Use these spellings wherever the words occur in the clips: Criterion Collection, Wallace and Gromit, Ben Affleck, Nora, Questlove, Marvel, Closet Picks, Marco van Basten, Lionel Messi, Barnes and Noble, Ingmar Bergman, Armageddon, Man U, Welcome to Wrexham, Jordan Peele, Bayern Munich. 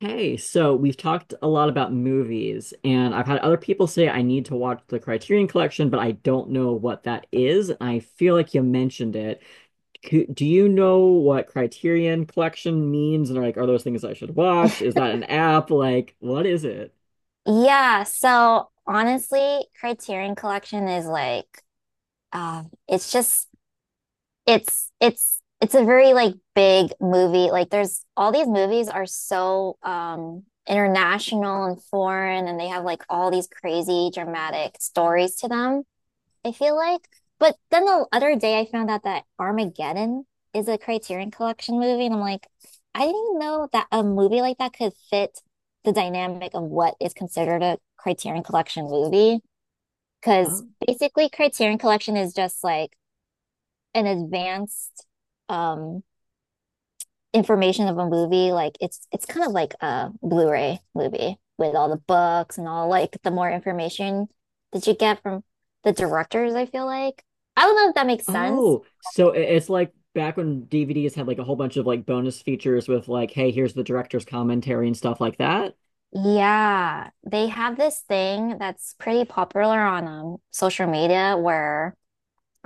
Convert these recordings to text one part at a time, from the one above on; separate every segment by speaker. Speaker 1: Hey, so we've talked a lot about movies, and I've had other people say I need to watch the Criterion Collection, but I don't know what that is. I feel like you mentioned it. Do you know what Criterion Collection means? And are like, are those things I should watch? Is that an app? Like, what is it?
Speaker 2: Yeah, so honestly, Criterion Collection is like it's just it's a very like big movie. Like there's all these movies are so international and foreign, and they have like all these crazy dramatic stories to them. I feel like. But then the other day I found out that Armageddon is a Criterion Collection movie, and I'm like, I didn't even know that a movie like that could fit the dynamic of what is considered a Criterion Collection movie. Because
Speaker 1: Oh,
Speaker 2: basically, Criterion Collection is just like an advanced um information of a movie, like it's kind of like a Blu-ray movie with all the books and all like the more information that you get from the directors, I feel like. I don't know if that makes sense.
Speaker 1: it's like back when DVDs had like a whole bunch of like bonus features with like, hey, here's the director's commentary and stuff like that.
Speaker 2: Yeah, they have this thing that's pretty popular on social media where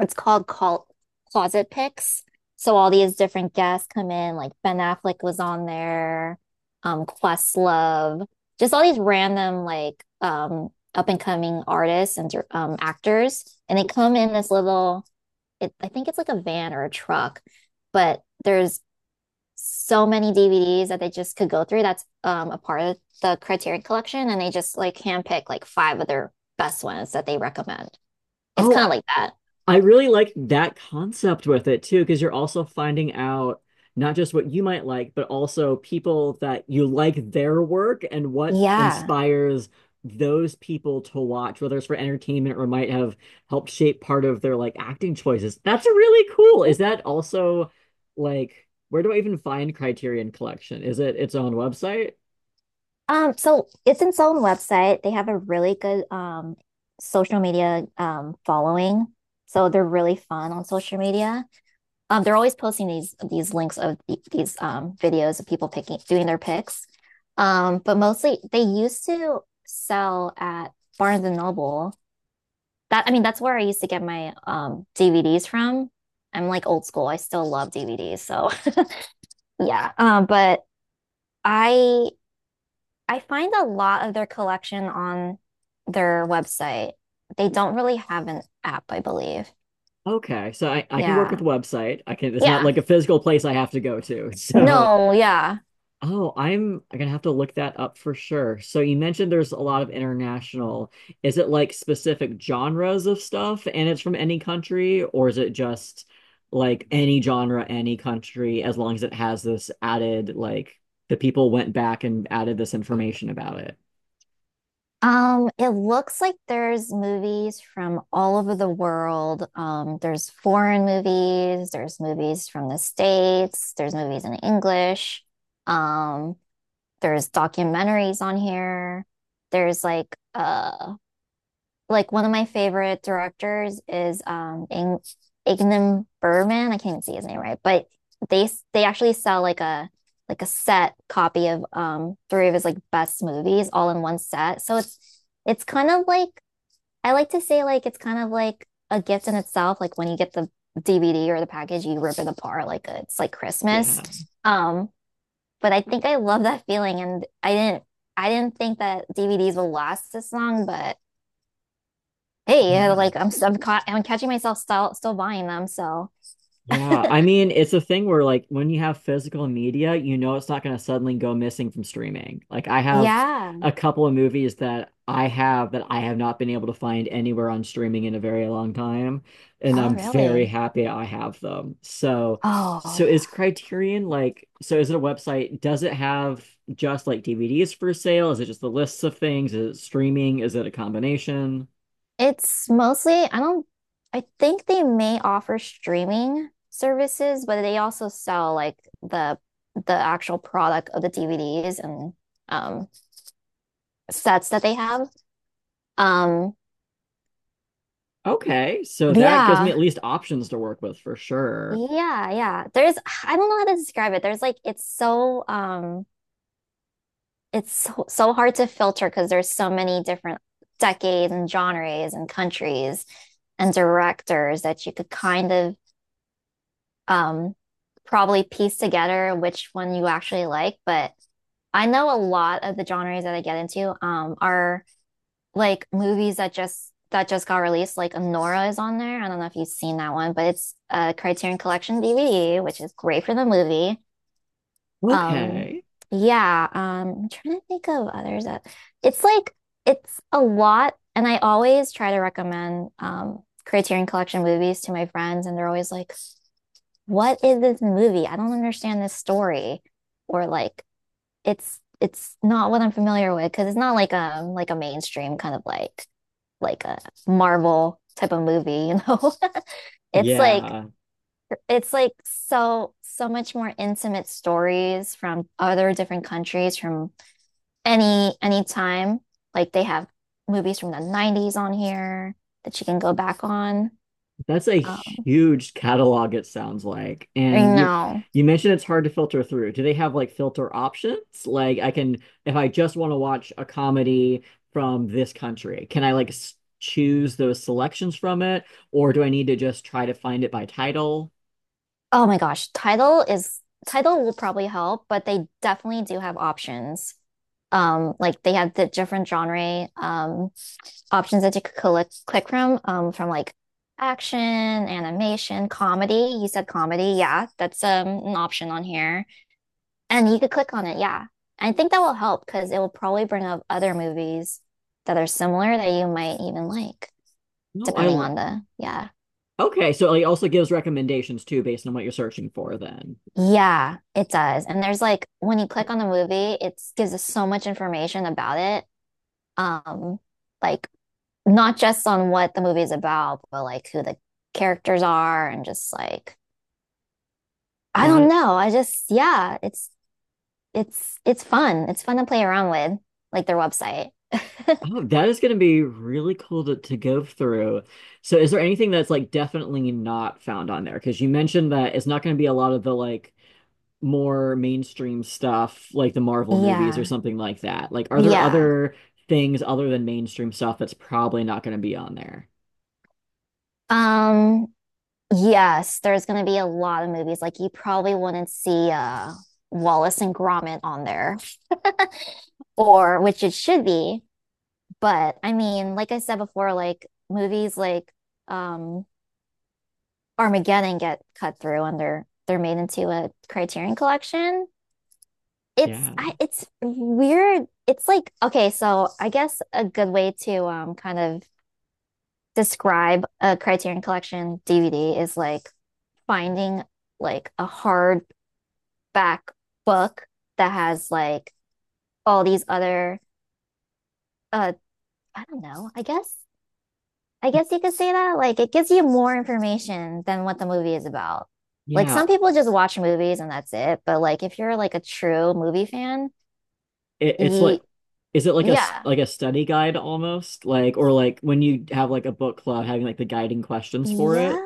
Speaker 2: it's called Closet Picks. So all these different guests come in, like Ben Affleck was on there, Questlove, just all these random like up and coming artists and actors, and they come in this little. It, I think it's like a van or a truck, but there's so many DVDs that they just could go through. That's a part of the Criterion Collection, and they just like handpick like five of their best ones that they recommend. It's kind
Speaker 1: Oh,
Speaker 2: of like that.
Speaker 1: I really like that concept with it too, because you're also finding out not just what you might like, but also people that you like their work and what
Speaker 2: Yeah.
Speaker 1: inspires those people to watch, whether it's for entertainment or might have helped shape part of their like acting choices. That's really cool. Is that also like where do I even find Criterion Collection? Is it its own website?
Speaker 2: So it's its own website. They have a really good social media following. So they're really fun on social media. They're always posting these links of the, these videos of people picking doing their picks. But mostly they used to sell at Barnes and Noble. That I mean, that's where I used to get my DVDs from. I'm like old school. I still love DVDs. So yeah. But I I find a lot of their collection on their website. They don't really have an app, I believe.
Speaker 1: Okay, so I can work with
Speaker 2: Yeah.
Speaker 1: the website. I can, it's not
Speaker 2: Yeah.
Speaker 1: like a physical place I have to go to. So
Speaker 2: No, yeah.
Speaker 1: oh, I'm gonna have to look that up for sure. So you mentioned there's a lot of international. Is it like specific genres of stuff and it's from any country, or is it just like any genre, any country, as long as it has this added, like the people went back and added this information about it?
Speaker 2: It looks like there's movies from all over the world. There's foreign movies, there's movies from the States, there's movies in English. Um, there's documentaries on here. There's like one of my favorite directors is Ingmar Bergman. I can't even see his name right, but they actually sell like a set copy of three of his like best movies all in one set. So it's kind of like I like to say like it's kind of like a gift in itself. Like when you get the DVD or the package, you rip it apart like it's like Christmas.
Speaker 1: Yeah.
Speaker 2: Um, but I think I love that feeling, and I didn't think that DVDs will last this long, but hey, yeah,
Speaker 1: Yeah.
Speaker 2: like I'm, I I'm caught, I'm catching myself still buying them. So
Speaker 1: Yeah, I mean, it's a thing where like when you have physical media, you know it's not going to suddenly go missing from streaming. Like I have
Speaker 2: yeah.
Speaker 1: a couple of movies that I have not been able to find anywhere on streaming in a very long time, and
Speaker 2: Oh,
Speaker 1: I'm very
Speaker 2: really?
Speaker 1: happy I have them. So,
Speaker 2: Oh,
Speaker 1: so
Speaker 2: yeah.
Speaker 1: is Criterion like, so is it a website? Does it have just like DVDs for sale? Is it just the lists of things? Is it streaming? Is it a combination?
Speaker 2: It's mostly, I don't, I think they may offer streaming services, but they also sell like the actual product of the DVDs and um sets that they have. Um,
Speaker 1: Okay, so
Speaker 2: but
Speaker 1: that gives me
Speaker 2: yeah,
Speaker 1: at least options to work with for sure.
Speaker 2: yeah, yeah. There's, I don't know how to describe it. There's like, it's so it's so hard to filter because there's so many different decades and genres and countries and directors that you could kind of um, probably piece together which one you actually like. But I know a lot of the genres that I get into are like movies that just got released. Like Nora is on there. I don't know if you've seen that one, but it's a Criterion Collection DVD, which is great for the movie. Um,
Speaker 1: Okay.
Speaker 2: yeah, I'm trying to think of others that it's like it's a lot, and I always try to recommend Criterion Collection movies to my friends, and they're always like, "What is this movie? I don't understand this story," or like, "It's not what I'm familiar with," because it's not like like a mainstream kind of like a Marvel type of movie, you know? It's like
Speaker 1: Yeah.
Speaker 2: it's like so much more intimate stories from other different countries from any time. Like they have movies from the 90s on here that you can go back on.
Speaker 1: That's a
Speaker 2: Um,
Speaker 1: huge catalog, it sounds like.
Speaker 2: I
Speaker 1: And you
Speaker 2: know.
Speaker 1: you mentioned it's hard to filter through. Do they have like filter options? Like I can, if I just want to watch a comedy from this country, can I like s choose those selections from it, or do I need to just try to find it by title?
Speaker 2: Oh my gosh, title will probably help, but they definitely do have options. Like they have the different genre options that you could click from like action, animation, comedy. You said comedy, yeah, that's an option on here. And you could click on it, yeah. I think that will help because it will probably bring up other movies that are similar that you might even like,
Speaker 1: No, I
Speaker 2: depending
Speaker 1: lo-
Speaker 2: on the, yeah.
Speaker 1: Okay, so it also gives recommendations too based on what you're searching for then.
Speaker 2: Yeah, it does. And there's like when you click on the movie, it gives us so much information about it. Um, like not just on what the movie is about, but like who the characters are and just like I don't
Speaker 1: That
Speaker 2: know. I just yeah, it's fun. It's fun to play around with, like their website.
Speaker 1: Oh, that is going to be really cool to go through. So, is there anything that's like definitely not found on there? Because you mentioned that it's not going to be a lot of the like more mainstream stuff, like the Marvel movies or
Speaker 2: Yeah.
Speaker 1: something like that. Like, are there
Speaker 2: Yeah.
Speaker 1: other things other than mainstream stuff that's probably not going to be on there?
Speaker 2: Um, yes, there's going to be a lot of movies. Like you probably wouldn't see Wallace and Gromit on there, or which it should be. But I mean, like I said before, like movies like um Armageddon get cut through, and they're made into a Criterion collection. It's
Speaker 1: Yeah.
Speaker 2: I it's weird. It's like okay, so I guess a good way to kind of describe a Criterion collection DVD is like finding like a hard back book that has like all these other uh I don't know. I guess you could say that like it gives you more information than what the movie is about. Like
Speaker 1: Yeah.
Speaker 2: some people just watch movies and that's it, but like if you're like a true movie fan,
Speaker 1: It, it's like,
Speaker 2: you
Speaker 1: is it like a
Speaker 2: yeah,
Speaker 1: like a study guide almost? Like, or like when you have like a book club having like the guiding questions for
Speaker 2: yeah,
Speaker 1: it?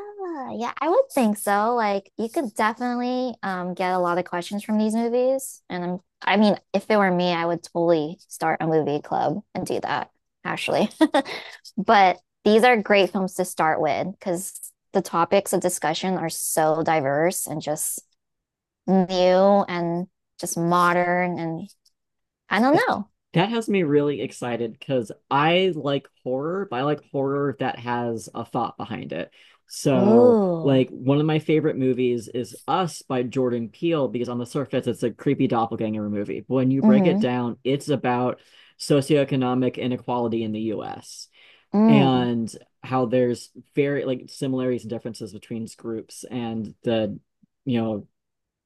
Speaker 2: yeah, I would think so. Like you could definitely get a lot of questions from these movies. And I mean, if it were me, I would totally start a movie club and do that, actually. But these are great films to start with because the topics of discussion are so diverse and just new and just modern and I don't
Speaker 1: That
Speaker 2: know.
Speaker 1: that has me really excited because I like horror, but I like horror that has a thought behind it. So,
Speaker 2: Ooh.
Speaker 1: like one of my favorite movies is Us by Jordan Peele because on the surface it's a creepy doppelganger movie. But when you break it
Speaker 2: Mm-hmm.
Speaker 1: down, it's about socioeconomic inequality in the US,
Speaker 2: Mm.
Speaker 1: and how there's very like similarities and differences between groups and the you know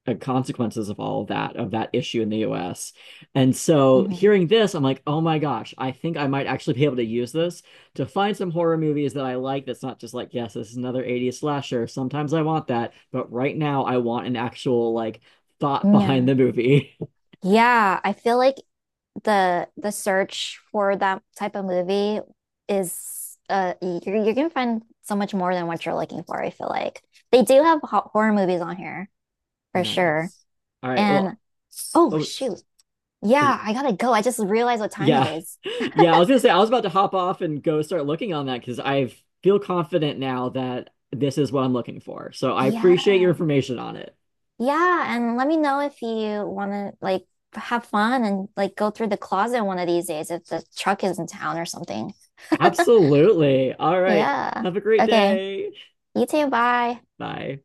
Speaker 1: consequences of all of that issue in the US. And so
Speaker 2: Mm-hmm.
Speaker 1: hearing this, I'm like, oh my gosh, I think I might actually be able to use this to find some horror movies that I like. That's not just like, yes, this is another 80s slasher. Sometimes I want that, but right now I want an actual like thought behind
Speaker 2: Yeah.
Speaker 1: the movie.
Speaker 2: Yeah, I feel like the search for that type of movie is you can find so much more than what you're looking for, I feel like. They do have horror movies on here for sure.
Speaker 1: Nice. All right.
Speaker 2: And
Speaker 1: Well,
Speaker 2: oh
Speaker 1: oh
Speaker 2: shoot. Yeah, I gotta go. I just realized what time it
Speaker 1: yeah.
Speaker 2: is.
Speaker 1: Yeah, I was gonna say I was about to hop off and go start looking on that because I feel confident now that this is what I'm looking for. So I appreciate your
Speaker 2: Yeah.
Speaker 1: information on it.
Speaker 2: Yeah, and let me know if you wanna like have fun and like go through the closet one of these days if the truck is in town or something.
Speaker 1: Absolutely. All right.
Speaker 2: Yeah.
Speaker 1: Have a great
Speaker 2: Okay.
Speaker 1: day.
Speaker 2: You too. Bye.
Speaker 1: Bye.